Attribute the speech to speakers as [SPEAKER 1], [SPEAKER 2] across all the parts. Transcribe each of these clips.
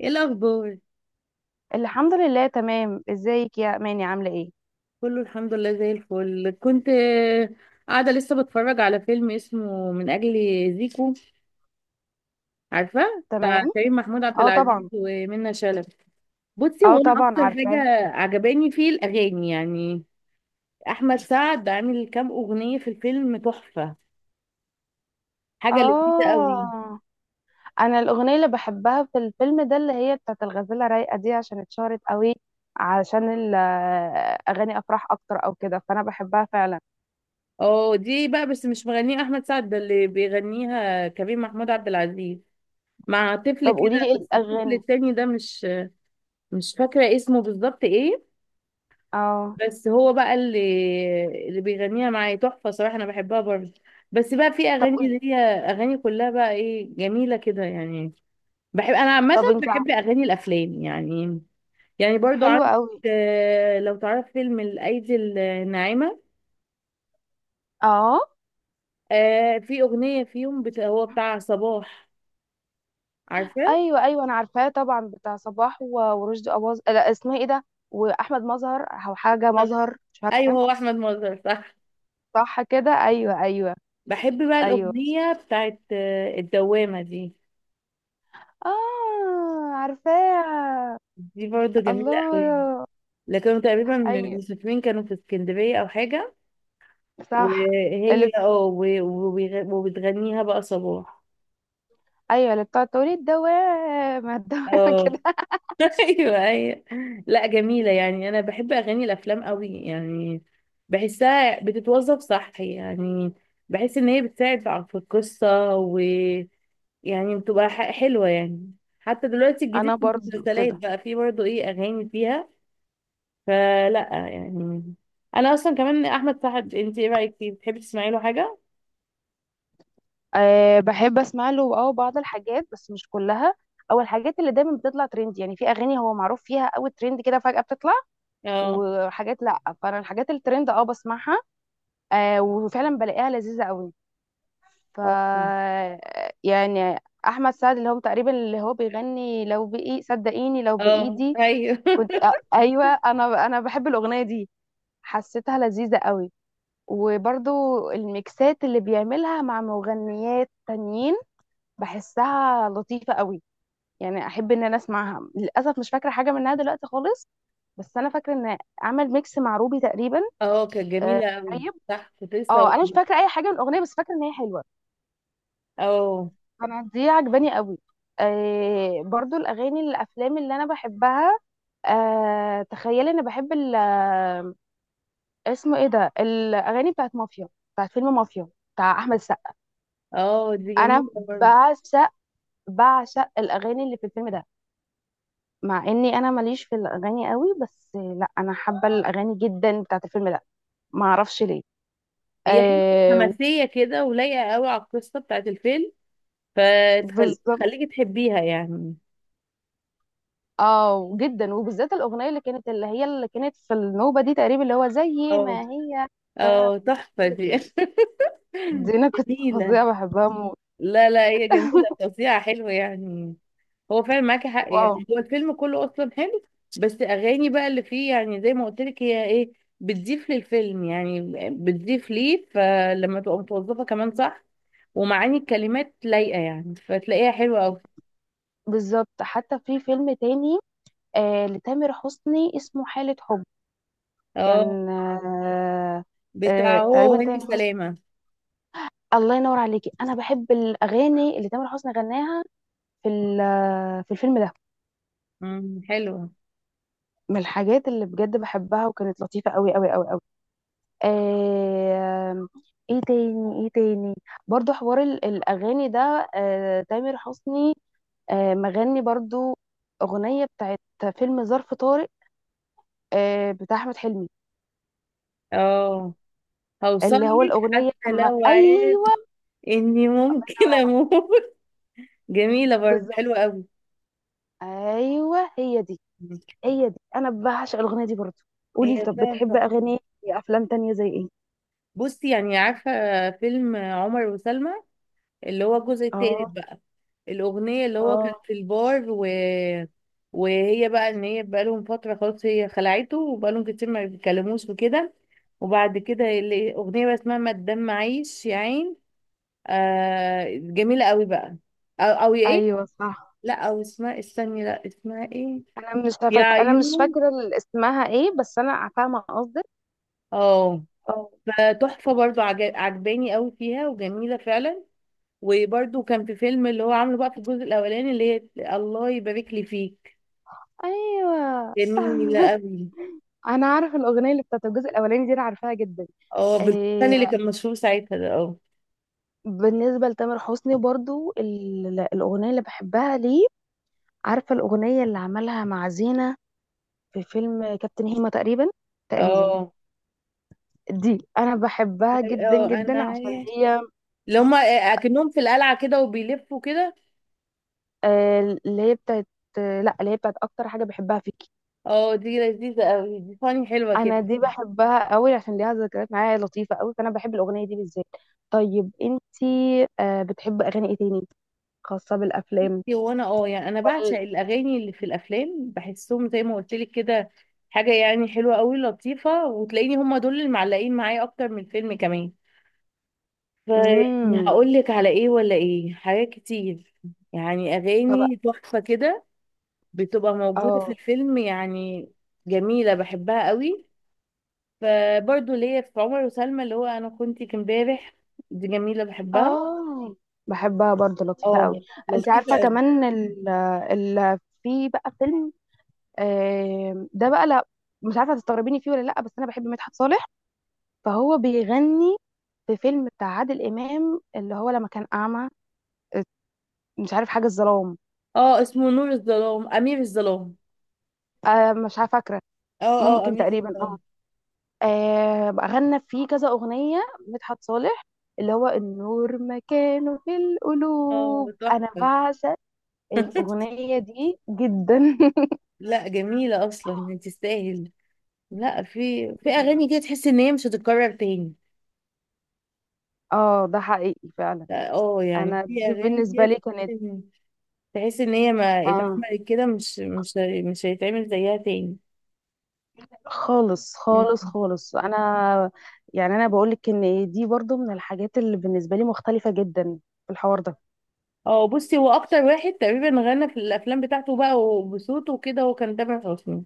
[SPEAKER 1] ايه الاخبار؟
[SPEAKER 2] الحمد لله، تمام. ازيك يا اماني؟ عامله ايه؟
[SPEAKER 1] كله الحمد لله زي الفل. كنت قاعده لسه بتفرج على فيلم اسمه من اجل زيكو. عارفه؟ بتاع
[SPEAKER 2] تمام.
[SPEAKER 1] كريم محمود عبد
[SPEAKER 2] اه
[SPEAKER 1] العزيز
[SPEAKER 2] طبعا.
[SPEAKER 1] ومنى شلبي. بصي،
[SPEAKER 2] اه
[SPEAKER 1] وانا
[SPEAKER 2] طبعا،
[SPEAKER 1] اكتر حاجه
[SPEAKER 2] عارفاه.
[SPEAKER 1] عجباني فيه الاغاني يعني. احمد سعد عامل كام اغنيه في الفيلم تحفه، حاجه لذيذه قوي.
[SPEAKER 2] اه، انا الاغنيه اللي بحبها في الفيلم ده اللي هي بتاعت الغزاله رايقه دي عشان اتشهرت قوي، عشان اغاني افراح اكتر او كده، فانا بحبها فعلا.
[SPEAKER 1] اه دي بقى بس مش مغنيه احمد سعد، ده اللي بيغنيها كريم محمود عبد العزيز مع طفل
[SPEAKER 2] طب قولي لي
[SPEAKER 1] كده،
[SPEAKER 2] ايه
[SPEAKER 1] بس الطفل
[SPEAKER 2] الاغاني؟
[SPEAKER 1] التاني ده مش فاكره اسمه بالظبط ايه.
[SPEAKER 2] اه.
[SPEAKER 1] بس هو بقى اللي بيغنيها معايا تحفة صراحة، أنا بحبها برضه. بس بقى في
[SPEAKER 2] طب
[SPEAKER 1] أغاني اللي
[SPEAKER 2] قولي.
[SPEAKER 1] هي أغاني كلها بقى إيه، جميلة كده يعني. بحب أنا عامة
[SPEAKER 2] طب انت ع-
[SPEAKER 1] بحب أغاني الأفلام يعني. يعني برضو
[SPEAKER 2] حلوه
[SPEAKER 1] عندك،
[SPEAKER 2] قوي.
[SPEAKER 1] لو تعرف فيلم الأيدي الناعمة،
[SPEAKER 2] اه،
[SPEAKER 1] في أغنية فيهم هو بتاع صباح، عارفة؟
[SPEAKER 2] ايوه ايوه انا عارفاه طبعا، بتاع صباح ورشدي اباظه، لا اسمها ايه ده؟ واحمد مظهر، او حاجه
[SPEAKER 1] صح.
[SPEAKER 2] مظهر، مش
[SPEAKER 1] أيوه هو أحمد مظهر صح.
[SPEAKER 2] صح كده؟ ايوه ايوه.
[SPEAKER 1] بحب بقى
[SPEAKER 2] ايوه
[SPEAKER 1] الأغنية بتاعت الدوامة دي.
[SPEAKER 2] اه، عارفاه.
[SPEAKER 1] دي برضو جميلة أوي.
[SPEAKER 2] الله.
[SPEAKER 1] لكنهم تقريبا
[SPEAKER 2] ايوه
[SPEAKER 1] المسافرين كانوا في اسكندرية أو حاجة.
[SPEAKER 2] صح. اللي
[SPEAKER 1] وهي
[SPEAKER 2] بت-
[SPEAKER 1] اه وبتغنيها بقى صباح.
[SPEAKER 2] ايوه اللي بتاع تقولي الدوامه الدوامه
[SPEAKER 1] اه
[SPEAKER 2] كده.
[SPEAKER 1] ايوه ايوه. لا جميلة يعني، أنا بحب أغاني الأفلام قوي يعني. بحسها بتتوظف صح يعني. بحس إن هي بتساعد في القصة ويعني بتبقى حلوة يعني. حتى دلوقتي
[SPEAKER 2] انا
[SPEAKER 1] الجديد في
[SPEAKER 2] برضو
[SPEAKER 1] المسلسلات
[SPEAKER 2] كده.
[SPEAKER 1] بقى فيه برضه إيه، أغاني فيها. فلا يعني. أنا أصلا كمان أحمد سعد، أنت إيه رأيك فيه؟ بتحبي تسمعي له حاجة؟
[SPEAKER 2] أه بحب اسمع له، اه بعض الحاجات بس مش كلها، او الحاجات اللي دايما بتطلع ترند، يعني في اغاني هو معروف فيها قوي، ترند كده فجاه بتطلع،
[SPEAKER 1] اه
[SPEAKER 2] وحاجات لا. فانا الحاجات الترند اه بسمعها. أه وفعلا بلاقيها لذيذه قوي. ف
[SPEAKER 1] اه
[SPEAKER 2] يعني احمد سعد اللي هو تقريبا اللي هو بيغني لو بايدي، صدقيني لو
[SPEAKER 1] اه
[SPEAKER 2] بايدي.
[SPEAKER 1] ايوه
[SPEAKER 2] ايوه، انا بحب الاغنيه دي، حسيتها لذيذه قوي. وبرضو الميكسات اللي بيعملها مع مغنيات تانيين بحسها لطيفه قوي. يعني احب ان انا اسمعها، للاسف مش فاكره حاجه منها دلوقتي خالص، بس انا فاكره ان عمل ميكس مع روبي تقريبا.
[SPEAKER 1] اه كانت
[SPEAKER 2] آه،
[SPEAKER 1] جميلة أوي.
[SPEAKER 2] طيب.
[SPEAKER 1] صح كنت لسه
[SPEAKER 2] اه انا مش
[SPEAKER 1] هقول.
[SPEAKER 2] فاكره اي حاجه من الاغنيه بس فاكره ان هي حلوه.
[SPEAKER 1] اه
[SPEAKER 2] انا دي عجباني قوي. آه برضو الاغاني الافلام اللي انا بحبها. آه تخيلي، انا بحب اسمه ايه ده، الاغاني بتاعت مافيا، بتاعت فيلم مافيا بتاع احمد السقا.
[SPEAKER 1] اه دي جميلة
[SPEAKER 2] انا
[SPEAKER 1] برضه.
[SPEAKER 2] بعشق، بعشق الاغاني اللي في الفيلم ده. مع اني انا ماليش في الاغاني قوي، بس لا انا حابه الاغاني جدا بتاعت الفيلم ده. ما اعرفش ليه.
[SPEAKER 1] هي حلوة
[SPEAKER 2] آه.
[SPEAKER 1] حماسية كده ولايقة أوي على القصة بتاعت الفيلم،
[SPEAKER 2] بالظبط.
[SPEAKER 1] فتخليكي تحبيها يعني.
[SPEAKER 2] اه جدا، وبالذات الاغنيه اللي كانت اللي هي اللي كانت في النوبه دي تقريبا اللي هو زي
[SPEAKER 1] اه
[SPEAKER 2] ما هي.
[SPEAKER 1] اه تحفة
[SPEAKER 2] هي
[SPEAKER 1] دي.
[SPEAKER 2] دي. دي انا كنت
[SPEAKER 1] جميلة.
[SPEAKER 2] فظيعه بحبها موت.
[SPEAKER 1] لا لا هي جميلة، توزيعها حلو يعني. هو فعلا معاكي حق،
[SPEAKER 2] واو.
[SPEAKER 1] يعني هو الفيلم كله أصلا حلو، بس أغاني بقى اللي فيه يعني زي ما قلت لك هي إيه، بتضيف للفيلم يعني، بتضيف ليه. فلما تبقى متوظفة كمان صح، ومعاني الكلمات لايقة يعني، فتلاقيها حلوة أوي.
[SPEAKER 2] بالظبط. حتى في فيلم تاني، آه لتامر حسني، اسمه حالة حب.
[SPEAKER 1] اه
[SPEAKER 2] كان آه. آه
[SPEAKER 1] بتاع هو
[SPEAKER 2] تقريبا
[SPEAKER 1] وهاني
[SPEAKER 2] تامر حسني.
[SPEAKER 1] سلامة.
[SPEAKER 2] الله ينور عليكي، انا بحب الاغاني اللي تامر حسني غناها في في الفيلم ده.
[SPEAKER 1] حلوة.
[SPEAKER 2] من الحاجات اللي بجد بحبها، وكانت لطيفة قوي قوي قوي قوي. آه. ايه تاني، ايه تاني؟ برضو حوار الاغاني ده، آه تامر حسني. آه مغني برضو اغنيه بتاعت فيلم ظرف طارق، آه بتاع احمد حلمي.
[SPEAKER 1] اه هوصل
[SPEAKER 2] اللي هو
[SPEAKER 1] لك
[SPEAKER 2] الاغنيه،
[SPEAKER 1] حتى
[SPEAKER 2] اما
[SPEAKER 1] لو عارف
[SPEAKER 2] ايوه.
[SPEAKER 1] إني
[SPEAKER 2] نور
[SPEAKER 1] ممكن
[SPEAKER 2] عليك.
[SPEAKER 1] أموت. جميلة برضه،
[SPEAKER 2] بالظبط.
[SPEAKER 1] حلوة أوي.
[SPEAKER 2] ايوه هي دي. هي دي، انا بعشق الاغنيه دي برضو. قولي لي،
[SPEAKER 1] هي
[SPEAKER 2] طب بتحب
[SPEAKER 1] فعلا.
[SPEAKER 2] اغاني إيه؟ افلام تانية زي ايه؟
[SPEAKER 1] بصي يعني عارفة، فيلم عمر وسلمى اللي هو الجزء التالت
[SPEAKER 2] اه.
[SPEAKER 1] بقى، الأغنية اللي هو كان
[SPEAKER 2] اه.
[SPEAKER 1] في البار وهي بقى إن هي بقالهم فترة خلاص، هي خلعته وبقالهم كتير ما بيتكلموش وكده. وبعد كده أغنية بقى اسمها ما الدم عايش يا عين، آه جميلة قوي بقى. أو، أو إيه؟
[SPEAKER 2] ايوه صح.
[SPEAKER 1] لا أو اسمها استني، لا اسمها إيه؟ يا
[SPEAKER 2] انا مش
[SPEAKER 1] عيون.
[SPEAKER 2] فاكره اسمها ايه، بس انا فاهمه قصدك.
[SPEAKER 1] اه فتحفة برضو عجباني قوي فيها وجميلة فعلا. وبرده كان في فيلم اللي هو عامله بقى في الجزء الاولاني اللي هي الله يبارك لي فيك،
[SPEAKER 2] ايوه.
[SPEAKER 1] جميله قوي.
[SPEAKER 2] انا عارفه الاغنيه اللي بتاعت الجزء الاولاني دي، انا عارفاها جدا.
[SPEAKER 1] اه بالفن اللي
[SPEAKER 2] إيه.
[SPEAKER 1] كان مشهور ساعتها ده اه.
[SPEAKER 2] بالنسبه لتامر حسني برضو، الاغنيه اللي بحبها ليه، عارفه الاغنيه اللي عملها مع زينه في فيلم كابتن هيما تقريبا، تقريبا.
[SPEAKER 1] اه
[SPEAKER 2] دي انا بحبها جدا
[SPEAKER 1] اه
[SPEAKER 2] جدا
[SPEAKER 1] انا،
[SPEAKER 2] عشان هي
[SPEAKER 1] اللي هما اكنهم في القلعه كده وبيلفوا كده.
[SPEAKER 2] آه، اللي هي بتاعت، آه لا اللي هي بتاعت اكتر حاجه بحبها فيكي.
[SPEAKER 1] اه دي لذيذه قوي، دي فاني حلوه كده.
[SPEAKER 2] انا دي بحبها قوي عشان ليها ذكريات معايا لطيفه قوي، فانا بحب الاغنيه دي بالذات. طيب انت آه بتحب اغاني ايه تاني، خاصه بالافلام؟
[SPEAKER 1] هو انا اه يعني انا بعشق
[SPEAKER 2] وال...
[SPEAKER 1] الاغاني اللي في الافلام، بحسهم زي ما قلت لك كده حاجه يعني حلوه قوي لطيفه، وتلاقيني هما دول اللي معلقين معايا اكتر من الفيلم كمان. فيعني
[SPEAKER 2] امم.
[SPEAKER 1] هقول لك على ايه ولا ايه، حاجات كتير يعني.
[SPEAKER 2] طبق.
[SPEAKER 1] اغاني تحفه كده بتبقى موجوده في
[SPEAKER 2] اه.
[SPEAKER 1] الفيلم يعني، جميله بحبها قوي. فبرضه ليا في عمر وسلمى اللي هو انا كنتك امبارح، دي جميله بحبها.
[SPEAKER 2] اه بحبها برضه لطيفة قوي.
[SPEAKER 1] اه
[SPEAKER 2] انت
[SPEAKER 1] لطيفة
[SPEAKER 2] عارفة
[SPEAKER 1] قوي.
[SPEAKER 2] كمان في بقى فيلم، آه، ده بقى لا، مش عارفة تستغربيني فيه ولا لا، بس انا بحب مدحت صالح، فهو بيغني في فيلم بتاع عادل امام اللي هو لما كان اعمى، آه، مش عارف حاجة الظلام.
[SPEAKER 1] اه اسمه نور الظلام، امير الظلام.
[SPEAKER 2] آه، مش عارفة فاكرة.
[SPEAKER 1] اه اه
[SPEAKER 2] ممكن
[SPEAKER 1] أمير
[SPEAKER 2] تقريبا اه.
[SPEAKER 1] الظلام.
[SPEAKER 2] آه، بقى غنى فيه كذا أغنية مدحت صالح، اللي هو النور مكانه في
[SPEAKER 1] اه
[SPEAKER 2] القلوب، انا
[SPEAKER 1] تحفه.
[SPEAKER 2] بعشق الأغنية دي جدا
[SPEAKER 1] لا جميله اصلا يعني تستاهل. لا في في اغاني كده تحس ان هي مش هتتكرر تاني.
[SPEAKER 2] اه ده حقيقي فعلا.
[SPEAKER 1] لا، اه يعني
[SPEAKER 2] انا
[SPEAKER 1] في
[SPEAKER 2] دي
[SPEAKER 1] اغاني
[SPEAKER 2] بالنسبة
[SPEAKER 1] كده
[SPEAKER 2] لي
[SPEAKER 1] تحس
[SPEAKER 2] كانت
[SPEAKER 1] ان، تحس إن هي ما
[SPEAKER 2] اه.
[SPEAKER 1] اتعملت كده، مش مش هيتعمل زيها تاني.
[SPEAKER 2] خالص
[SPEAKER 1] مم.
[SPEAKER 2] خالص خالص. انا يعني انا بقولك ان دي برضو من الحاجات اللي بالنسبة لي مختلفة جدا في الحوار ده.
[SPEAKER 1] اه بصي هو اكتر واحد تقريبا غنى في الافلام بتاعته بقى وبصوته وكده هو كان تامر حسني.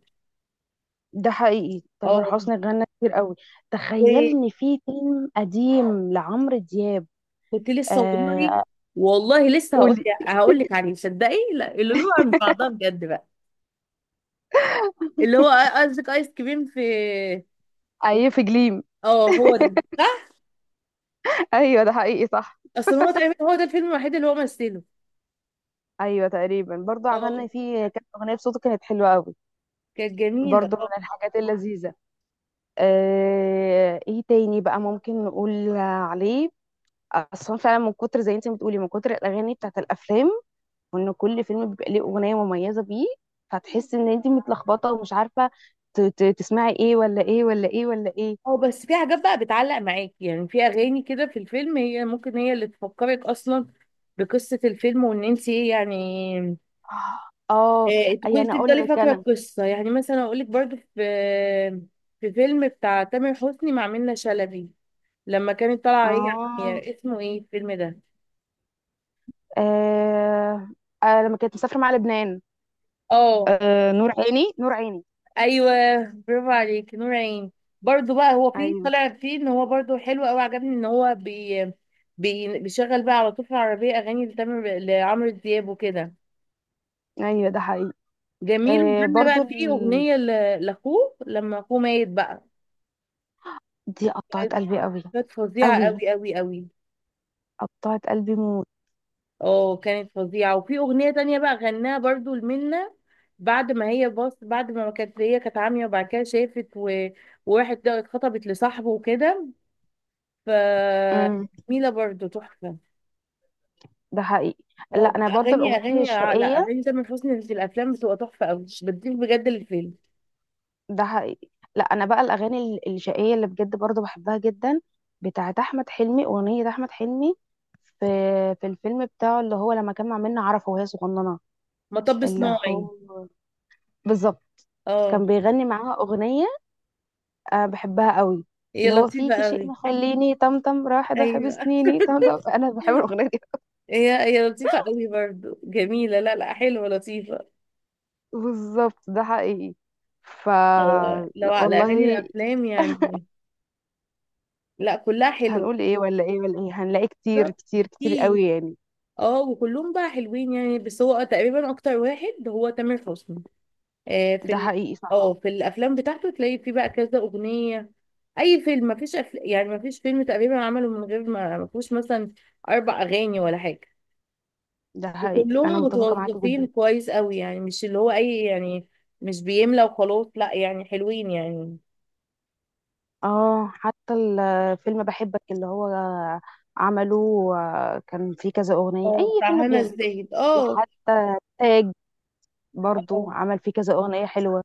[SPEAKER 2] ده حقيقي، تامر
[SPEAKER 1] اه
[SPEAKER 2] حسني غنى كتير قوي. تخيل ان في فيلم قديم لعمرو دياب.
[SPEAKER 1] وكنت لسه والله،
[SPEAKER 2] آه.
[SPEAKER 1] والله لسه هقول.
[SPEAKER 2] قولي.
[SPEAKER 1] هقول لك عليه صدقي، لا اللي له عند بعضها بجد بقى اللي هو، قصدك ايس كريم في؟
[SPEAKER 2] اي في جليم
[SPEAKER 1] اه هو ده صح.
[SPEAKER 2] ايوه ده حقيقي صح.
[SPEAKER 1] اصل هو تقريبا هو ده الفيلم الوحيد اللي هو مثله.
[SPEAKER 2] ايوه تقريبا، برضو
[SPEAKER 1] اه
[SPEAKER 2] غنى فيه، كانت اغنيه بصوته كانت حلوه قوي.
[SPEAKER 1] كانت جميله
[SPEAKER 2] برضو من
[SPEAKER 1] اه.
[SPEAKER 2] الحاجات اللذيذه. آه، ايه تاني بقى ممكن نقول عليه؟ اصلا فعلا من كتر زي انت بتقولي، من كتر الاغاني بتاعت الافلام، وان كل فيلم بيبقى ليه اغنيه مميزه بيه، فتحس ان انت متلخبطه ومش عارفه تسمعي ايه ولا ايه ولا ايه ولا ايه.
[SPEAKER 1] اه بس في حاجات بقى بتعلق معاكي يعني، في اغاني كده في الفيلم هي ممكن هي اللي تفكرك اصلا بقصة الفيلم وان انت ايه يعني،
[SPEAKER 2] اه.
[SPEAKER 1] تكوني
[SPEAKER 2] يعني اقول
[SPEAKER 1] تفضلي
[SPEAKER 2] لك
[SPEAKER 1] فاكرة
[SPEAKER 2] انا.
[SPEAKER 1] القصة يعني. مثلا اقولك برضو في، في فيلم بتاع تامر حسني مع منة شلبي لما كانت طالعة هي،
[SPEAKER 2] اه.
[SPEAKER 1] هي اسمه ايه الفيلم ده؟
[SPEAKER 2] آه. آه. لما كانت مسافره مع لبنان.
[SPEAKER 1] اه
[SPEAKER 2] آه. نور عيني، نور عيني.
[SPEAKER 1] ايوه، برافو عليك، نور عيني. برضو بقى هو فيه
[SPEAKER 2] ايوه.
[SPEAKER 1] طلع فيه ان هو برضو حلو قوي، عجبني ان هو بي بيشغل بقى على طول في العربيه اغاني لتامر لعمرو دياب وكده،
[SPEAKER 2] ايوه ده حقيقي.
[SPEAKER 1] جميل.
[SPEAKER 2] آه.
[SPEAKER 1] وغنى
[SPEAKER 2] برضو
[SPEAKER 1] بقى فيه اغنيه لاخوه لما اخوه ميت بقى.
[SPEAKER 2] دي قطعت
[SPEAKER 1] كانت،
[SPEAKER 2] قلبي قوي
[SPEAKER 1] كانت فظيعه
[SPEAKER 2] قوي.
[SPEAKER 1] قوي قوي قوي.
[SPEAKER 2] قطعت قلبي موت.
[SPEAKER 1] اه كانت فظيعه. وفي اغنيه تانية بقى غناها برضو لمنى بعد ما هي بص، بعد ما كانت هي كانت عاميه وبعد كده شافت وراحت اتخطبت لصاحبه وكده، ف
[SPEAKER 2] امم.
[SPEAKER 1] جميلة برضه تحفة.
[SPEAKER 2] ده حقيقي. لا
[SPEAKER 1] اه
[SPEAKER 2] انا برضو
[SPEAKER 1] اغاني
[SPEAKER 2] الاغنيه
[SPEAKER 1] اغاني لا
[SPEAKER 2] الشقيه.
[SPEAKER 1] اغاني تامر حسني في الافلام بتبقى تحفة قوي، بتضيف بجد للفيلم.
[SPEAKER 2] ده حقيقي. لا انا بقى الاغاني الشقيه اللي بجد برضو بحبها جدا، بتاعت احمد حلمي، اغنيه احمد حلمي في في الفيلم بتاعه اللي هو لما كان مع منة عرفة وهي صغننه.
[SPEAKER 1] مطب
[SPEAKER 2] اللي
[SPEAKER 1] صناعي.
[SPEAKER 2] هو، بالظبط،
[SPEAKER 1] اه
[SPEAKER 2] كان بيغني معاها اغنيه أنا بحبها قوي،
[SPEAKER 1] هي
[SPEAKER 2] اللي هو
[SPEAKER 1] لطيفة
[SPEAKER 2] فيكي شيء
[SPEAKER 1] قوي.
[SPEAKER 2] مخليني طمطم، راح ده حب
[SPEAKER 1] ايوه
[SPEAKER 2] سنيني طمطم، انا بحب الاغنيه دي.
[SPEAKER 1] هي هي لطيفة قوي برضه، جميلة لا لا حلوة لطيفة.
[SPEAKER 2] بالظبط ده حقيقي. ف
[SPEAKER 1] اه لو
[SPEAKER 2] لا
[SPEAKER 1] على اغاني
[SPEAKER 2] والله،
[SPEAKER 1] الافلام يعني، لا كلها حلوة.
[SPEAKER 2] هنقول ايه ولا ايه ولا ايه، هنلاقي كتير
[SPEAKER 1] بالظبط
[SPEAKER 2] كتير كتير
[SPEAKER 1] اكيد.
[SPEAKER 2] قوي يعني.
[SPEAKER 1] اه وكلهم بقى حلوين يعني، بس هو تقريبا اكتر واحد هو تامر حسني. في
[SPEAKER 2] ده حقيقي صح.
[SPEAKER 1] اه في الافلام بتاعته تلاقي فيه بقى كذا اغنيه. اي فيلم مفيش يعني مفيش فيلم تقريبا عمله من غير ما فيهوش مثلا اربع اغاني ولا حاجه،
[SPEAKER 2] ده حقيقي، انا
[SPEAKER 1] وكلهم
[SPEAKER 2] متفقة معاك
[SPEAKER 1] متوظفين
[SPEAKER 2] جدا.
[SPEAKER 1] كويس قوي يعني، مش اللي هو اي يعني مش بيملى وخلاص، لا يعني حلوين يعني.
[SPEAKER 2] اه حتى الفيلم بحبك اللي هو عمله، آه، كان فيه كذا اغنية، اي
[SPEAKER 1] اه بتاع
[SPEAKER 2] فيلم
[SPEAKER 1] هنا
[SPEAKER 2] بيعمله.
[SPEAKER 1] الزاهد اه.
[SPEAKER 2] وحتى تاج
[SPEAKER 1] اه
[SPEAKER 2] برضو عمل فيه كذا اغنية حلوة.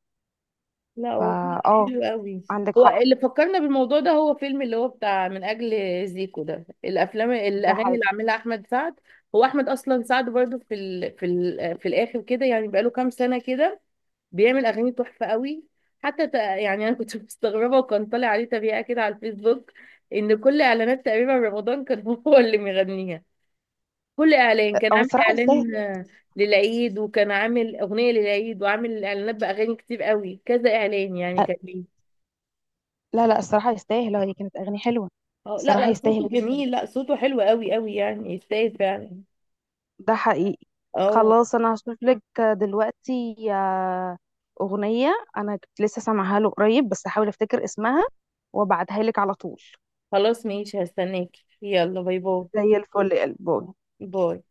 [SPEAKER 1] لا هو فيلم
[SPEAKER 2] فا اه،
[SPEAKER 1] حلو قوي.
[SPEAKER 2] عندك
[SPEAKER 1] هو
[SPEAKER 2] حق.
[SPEAKER 1] اللي فكرنا بالموضوع ده هو فيلم اللي هو بتاع من اجل زيكو ده، الافلام
[SPEAKER 2] ده
[SPEAKER 1] الاغاني اللي
[SPEAKER 2] حقيقي.
[SPEAKER 1] عاملها احمد سعد. هو احمد اصلا سعد برضو في في في الاخر كده يعني بقاله كام سنه كده بيعمل اغاني تحفه قوي. حتى يعني انا كنت مستغربه وكان طالع عليه تبيعه كده على الفيسبوك ان كل اعلانات تقريبا رمضان كان هو اللي مغنيها. كل اعلان كان
[SPEAKER 2] هو
[SPEAKER 1] عامل
[SPEAKER 2] الصراحة يستاهل.
[SPEAKER 1] اعلان للعيد، وكان عامل اغنيه للعيد وعامل اعلانات باغاني كتير قوي، كذا اعلان يعني
[SPEAKER 2] آه،
[SPEAKER 1] كان ليه.
[SPEAKER 2] لا لا الصراحة يستاهل، هي كانت اغاني حلوة.
[SPEAKER 1] اه لا
[SPEAKER 2] الصراحة
[SPEAKER 1] لا صوته
[SPEAKER 2] يستاهل جدا.
[SPEAKER 1] جميل، لا صوته حلو قوي قوي يعني، يستاهل فعلا.
[SPEAKER 2] ده حقيقي.
[SPEAKER 1] اه
[SPEAKER 2] خلاص، انا هشوف لك دلوقتي آه، اغنية انا كنت لسه سامعها له قريب، بس هحاول افتكر اسمها وابعتها لك على طول.
[SPEAKER 1] خلاص ماشي، هستناك، يلا باي باي.
[SPEAKER 2] زي الفل يا قلبي.
[SPEAKER 1] باي.